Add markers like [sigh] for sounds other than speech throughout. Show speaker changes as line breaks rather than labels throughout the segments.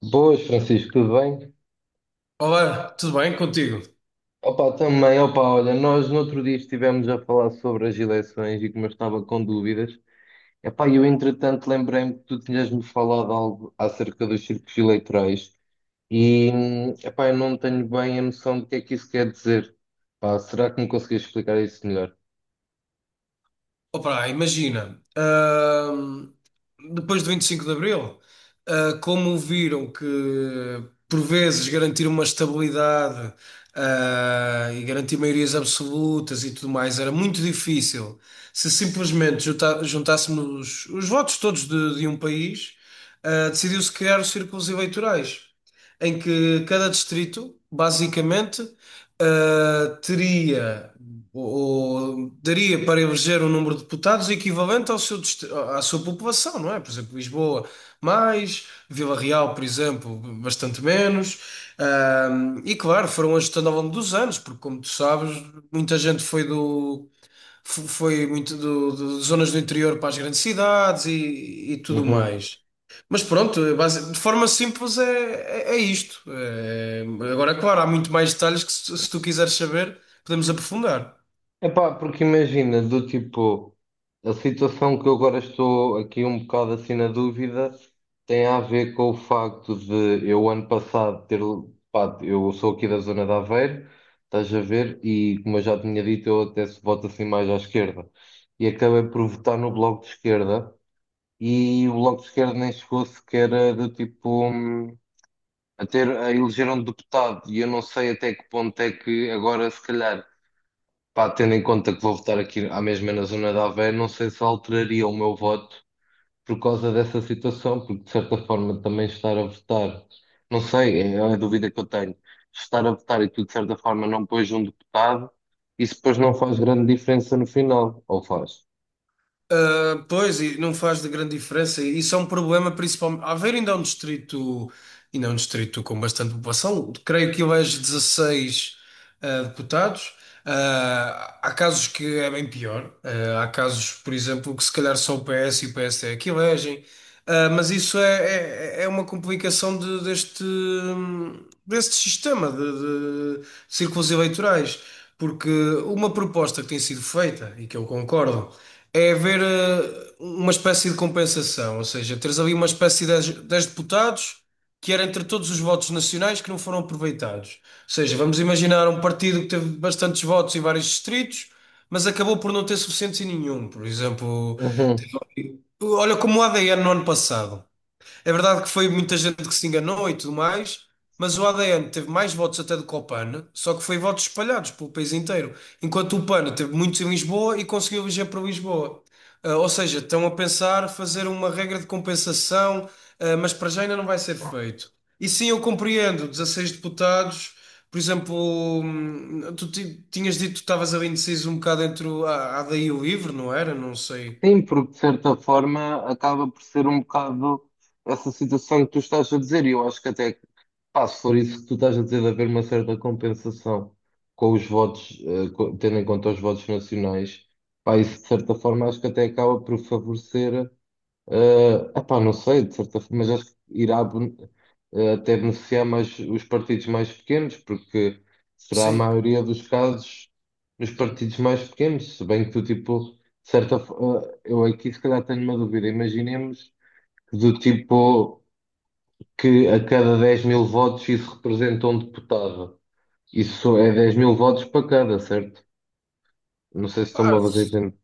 Boas, Francisco, tudo bem?
Olá, tudo bem contigo?
Opa, também, opa, olha, nós no outro dia estivemos a falar sobre as eleições e como eu estava com dúvidas. Epá, eu entretanto lembrei-me que tu tinhas-me falado algo acerca dos círculos eleitorais e, epá, eu não tenho bem a noção do que é que isso quer dizer. Pá, será que me conseguias explicar isso melhor?
Opa, imagina, depois do 25 de Abril, como viram que por vezes garantir uma estabilidade, e garantir maiorias absolutas e tudo mais era muito difícil se simplesmente juntássemos os votos todos de um país, decidiu-se criar os círculos eleitorais em que cada distrito, basicamente, teria, ou, ou daria para eleger um número de deputados equivalente à sua população, não é? Por exemplo, Lisboa mais, Vila Real, por exemplo, bastante menos. E claro, foram ajustando ao longo dos anos, porque como tu sabes, muita gente foi de zonas do interior para as grandes cidades e tudo
Uhum.
mais. Mas pronto, de forma simples é isto. Agora, claro, há muito mais detalhes que se tu quiseres saber, podemos aprofundar.
Epá, porque imagina, do tipo, a situação que eu agora estou aqui um bocado assim na dúvida tem a ver com o facto de eu ano passado ter, pá, eu sou aqui da zona de Aveiro, estás a ver, e como eu já tinha dito, eu até se voto assim mais à esquerda. E acabei por votar no Bloco de Esquerda e o Bloco de Esquerda nem chegou sequer a, do tipo, a ter, a eleger um deputado e eu não sei até que ponto é que agora se calhar. Pá, tendo em conta que vou votar aqui à mesma na zona de Aveiro, não sei se alteraria o meu voto por causa dessa situação, porque de certa forma também estar a votar, não sei, é a dúvida que eu tenho. Estar a votar e tu de certa forma não pões um deputado, isso depois não faz grande diferença no final, ou faz?
Pois, e não faz de grande diferença. E isso é um problema, principalmente. Aveiro ainda é um distrito, ainda é um distrito com bastante população. Creio que elege 16 deputados. Há casos que é bem pior. Há casos, por exemplo, que se calhar só o PS e o PSD é que elegem. Mas isso é uma complicação deste sistema de círculos eleitorais. Porque uma proposta que tem sido feita, e que eu concordo. É haver uma espécie de compensação, ou seja, teres ali uma espécie de 10 deputados que era entre todos os votos nacionais que não foram aproveitados. Ou seja, vamos imaginar um partido que teve bastantes votos em vários distritos, mas acabou por não ter suficientes em nenhum. Por exemplo,
Uhum.
olha como o ADN no ano passado. É verdade que foi muita gente que se enganou e tudo mais, mas o ADN teve mais votos até do que o PAN, só que foi votos espalhados pelo país inteiro, enquanto o PAN teve muitos em Lisboa e conseguiu eleger para Lisboa. Ou seja, estão a pensar fazer uma regra de compensação, mas para já ainda não vai ser feito. E sim, eu compreendo. 16 deputados, por exemplo, tu tinhas dito que estavas ali indeciso um bocado entre a AD e o LIVRE, não era? Não sei.
Sim, porque de certa forma acaba por ser um bocado essa situação que tu estás a dizer, e eu acho que até. Pá, se for isso que tu estás a dizer, de haver uma certa compensação com os votos, co- tendo em conta os votos nacionais, pá, isso de certa forma acho que até acaba por favorecer, epá, não sei, de certa forma, mas acho que irá ben- até beneficiar mais os partidos mais pequenos, porque será a
Sim.
maioria dos casos nos partidos mais pequenos, se bem que tu, tipo, de certa forma, eu aqui se calhar tenho uma dúvida, imaginemos que do tipo que a cada 10 000 votos isso representa um deputado. Isso é 10 000 votos para cada, certo? Não sei se estou-me a fazer entender.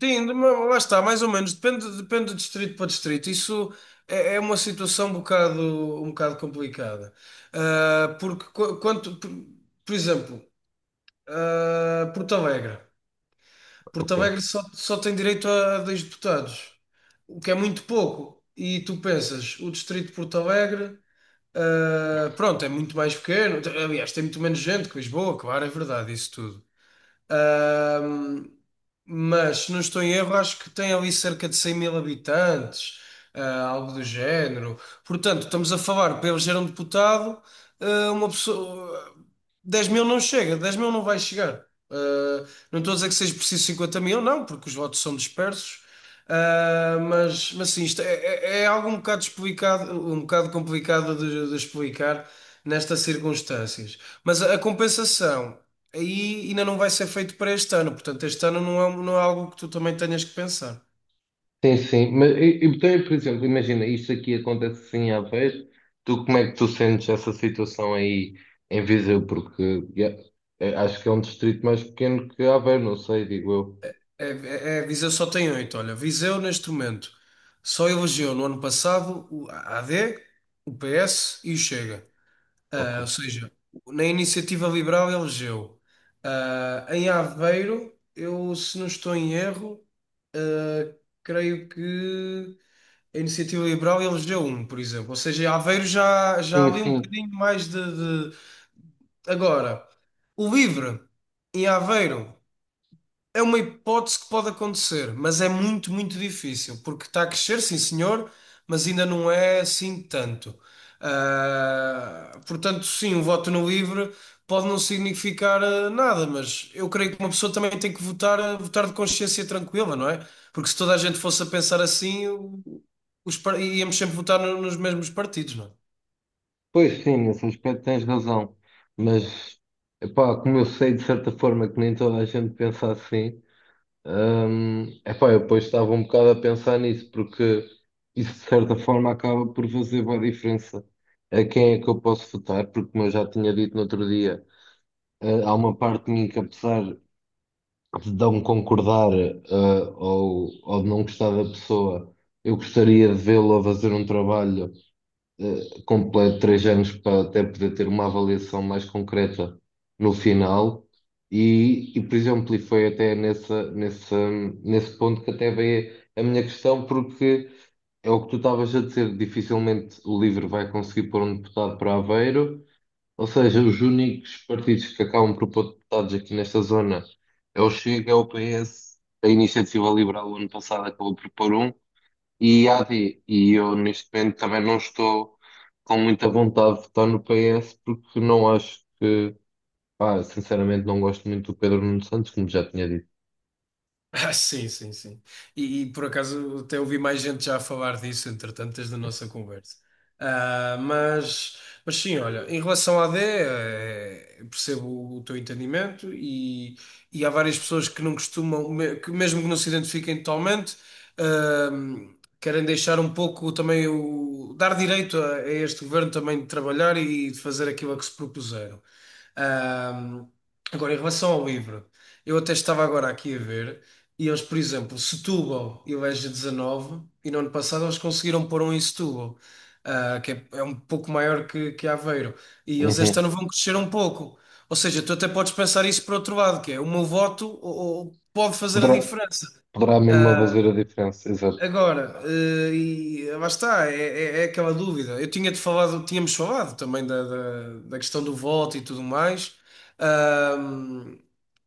Sim, mas lá está, mais ou menos, depende, depende de distrito para distrito. Isso é uma situação um bocado complicada. Porque por exemplo, Porto Alegre. Porto
Ok.
Alegre só tem direito a 2 deputados, o que é muito pouco. E tu pensas, o distrito de Porto Alegre, pronto, é muito mais pequeno. Aliás, tem muito menos gente que Lisboa, claro, é verdade, isso tudo. Ahm, mas, se não estou em erro, acho que tem ali cerca de 100 mil habitantes, algo do género. Portanto, estamos a falar para eleger um deputado, uma pessoa. 10 mil não chega, 10 mil não vai chegar. Não estou a dizer que seja preciso 50 mil, não, porque os votos são dispersos. Mas, sim, isto é algo um bocado explicado, um bocado complicado de explicar nestas circunstâncias. Mas a compensação aí ainda não vai ser feito para este ano. Portanto, este ano não é, não é algo que tu também tenhas que pensar.
Sim, sim. Mas, então, por exemplo, imagina, isto aqui acontece assim à vez. Tu, como é que tu sentes essa situação aí em Viseu? Porque yeah, é, acho que é um distrito mais pequeno que Aveiro, não sei, digo eu.
Viseu só tem 8. Olha, Viseu neste momento só elegeu no ano passado o AD, o PS e o Chega.
Ok.
Ou seja, na Iniciativa Liberal elegeu. Em Aveiro, eu, se não estou em erro, ah, creio que a Iniciativa Liberal elegeu um, por exemplo. Ou seja, Aveiro já há
Sim,
ali um
sim.
bocadinho mais de. Agora, o livre em Aveiro é uma hipótese que pode acontecer, mas é muito, muito difícil, porque está a crescer, sim senhor, mas ainda não é assim tanto. Portanto, sim, o voto no livre pode não significar nada, mas eu creio que uma pessoa também tem que votar, votar de consciência tranquila, não é? Porque se toda a gente fosse a pensar assim, íamos sempre votar nos mesmos partidos, não é?
Pois sim, nesse aspecto tens razão. Mas, epá, como eu sei de certa forma que nem toda a gente pensa assim. Epá, eu depois estava um bocado a pensar nisso, porque isso de certa forma acaba por fazer boa diferença a quem é que eu posso votar, porque como eu já tinha dito no outro dia, há uma parte de mim que apesar de não concordar, ou de não gostar da pessoa, eu gostaria de vê-lo a fazer um trabalho completo 3 anos para até poder ter uma avaliação mais concreta no final. Por exemplo, e foi até nessa, nessa, nesse ponto que até veio a minha questão, porque é o que tu estavas a dizer, dificilmente o LIVRE vai conseguir pôr um deputado para Aveiro, ou seja, os únicos partidos que acabam por pôr deputados aqui nesta zona é o Chega, é o PS, a Iniciativa Liberal o ano passado acabou por pôr um, e há e eu neste momento também não estou com muita vontade de votar no PS porque não acho que, pá, sinceramente não gosto muito do Pedro Nuno Santos, como já tinha dito.
[laughs] Sim, sim, sim. Por acaso até ouvi mais gente já a falar disso, entretanto, desde a nossa conversa. Ah, mas, mas, sim, olha, em relação à AD, eu percebo o teu entendimento e há várias pessoas que não costumam, que mesmo que não se identifiquem totalmente, ahm, querem deixar um pouco também o, dar direito a este governo também de trabalhar e de fazer aquilo a que se propuseram. Ahm, Agora, em relação ao livro. Eu até estava agora aqui a ver. E eles, por exemplo, Setúbal e o Eja 19, e no ano passado eles conseguiram pôr um em Setúbal, que é um pouco maior que Aveiro. E eles este
Uhum.
ano vão crescer um pouco. Ou seja, tu até podes pensar isso por outro lado, que é o meu voto ou pode fazer a
Poderá,
diferença.
poderá mesmo
Ah,
fazer a diferença, exato.
Agora, e lá está, é aquela dúvida. Eu tinha-te falado, tínhamos falado também da questão do voto e tudo mais.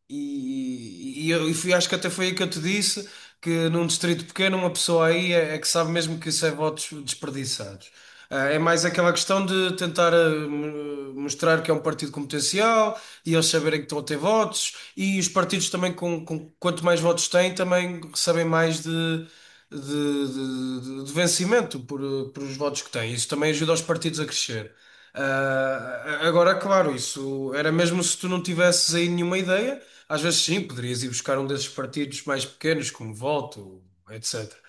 E eu e Fui, acho que até foi aí que eu te disse que num distrito pequeno uma pessoa aí é que sabe mesmo que isso é votos desperdiçados. É mais aquela questão de tentar mostrar que é um partido com potencial e eles saberem que estão a ter votos e os partidos também quanto mais votos têm também recebem mais de vencimento por os votos que têm. Isso também ajuda os partidos a crescer. Agora, claro, isso era mesmo se tu não tivesses aí nenhuma ideia, às vezes sim, poderias ir buscar um desses partidos mais pequenos, como Voto, etc.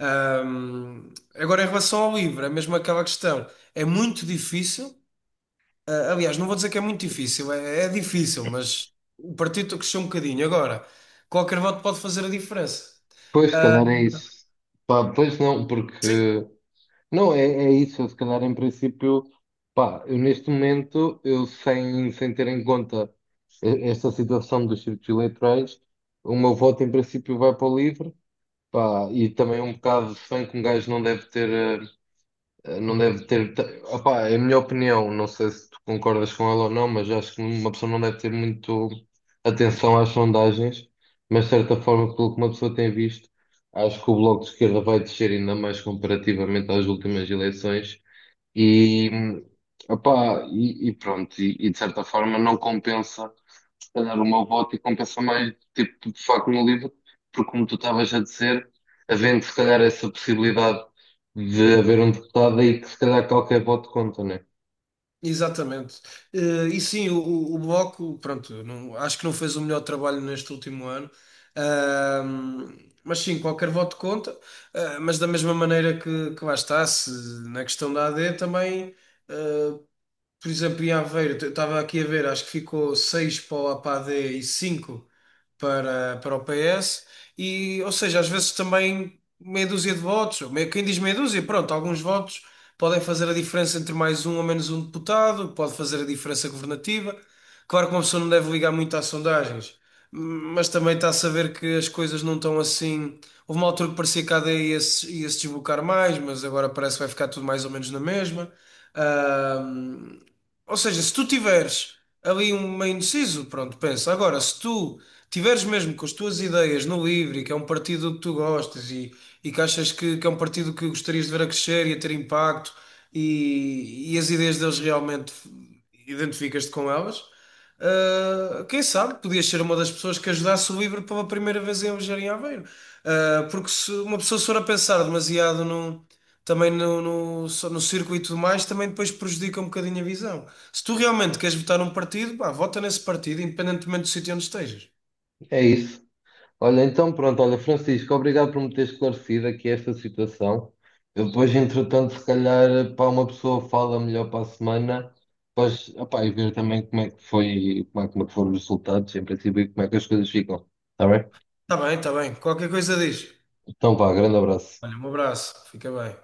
Agora, em relação ao livro, é mesmo aquela questão. É muito difícil. Aliás, não vou dizer que é muito difícil, é difícil, mas o partido cresceu um bocadinho. Agora, qualquer voto pode fazer a diferença.
Pois, se calhar é isso. Pá, pois não, porque, não, é, é isso, se calhar em princípio, pá, eu neste momento, eu sem, sem ter em conta e- esta situação dos círculos eleitorais, o meu voto em princípio vai para o livre. Pá, e também um bocado de fã que um gajo não deve ter, eh, não deve ter, ta- opá, é a minha opinião, não sei se tu concordas com ela ou não, mas acho que uma pessoa não deve ter muito atenção às sondagens, mas de certa forma, pelo que uma pessoa tem visto, acho que o Bloco de Esquerda vai descer ainda mais comparativamente às últimas eleições e, opá, pronto, de certa forma não compensa se calhar uma voto e compensa mais, tipo, de facto, no livro, porque como tu estavas a dizer, havendo se calhar essa possibilidade de haver um deputado aí que se calhar qualquer voto conta, né?
Exatamente. E sim, o Bloco, pronto, acho que não fez o melhor trabalho neste último ano. Ahm, mas sim, qualquer voto conta. Mas da mesma maneira que lá está, se, na questão da AD também. eh, por exemplo, em Aveiro, eu estava aqui a ver, acho que ficou 6 para o APAD e 5 para o PS. Ou seja, às vezes também meia dúzia de votos, quem diz meia dúzia, pronto, alguns votos podem fazer a diferença entre mais um ou menos um deputado, pode fazer a diferença governativa. Claro que uma pessoa não deve ligar muito às sondagens, mas também está a saber que as coisas não estão assim. Houve uma altura que parecia que a AD ia se desbocar mais, mas agora parece que vai ficar tudo mais ou menos na mesma. Ou seja, se tu tiveres ali um meio indeciso, pronto, pensa. Agora, se tu tiveres mesmo com as tuas ideias no livre e que é um partido que tu gostas e que achas que é um partido que gostarias de ver a crescer e a ter impacto e as ideias deles realmente identificas-te com elas. Quem sabe, podias ser uma das pessoas que ajudasse o Livro pela primeira vez em viajar em Aveiro. Porque se uma pessoa se for a pensar demasiado também no, só no circuito e tudo mais, também depois prejudica um bocadinho a visão. Se tu realmente queres votar num partido, pá, vota nesse partido, independentemente do sítio onde estejas.
É isso. Olha, então pronto, olha, Francisco, obrigado por me ter esclarecido aqui esta situação. Eu depois, entretanto, se calhar, para uma pessoa fala melhor para a semana, depois, opá, e ver também como é que foi, como é que foram os resultados, em princípio, e como é que as coisas ficam. Está bem?
Está bem, está bem. Qualquer coisa diz.
Então vá, grande abraço.
Olha, um abraço. Fica bem.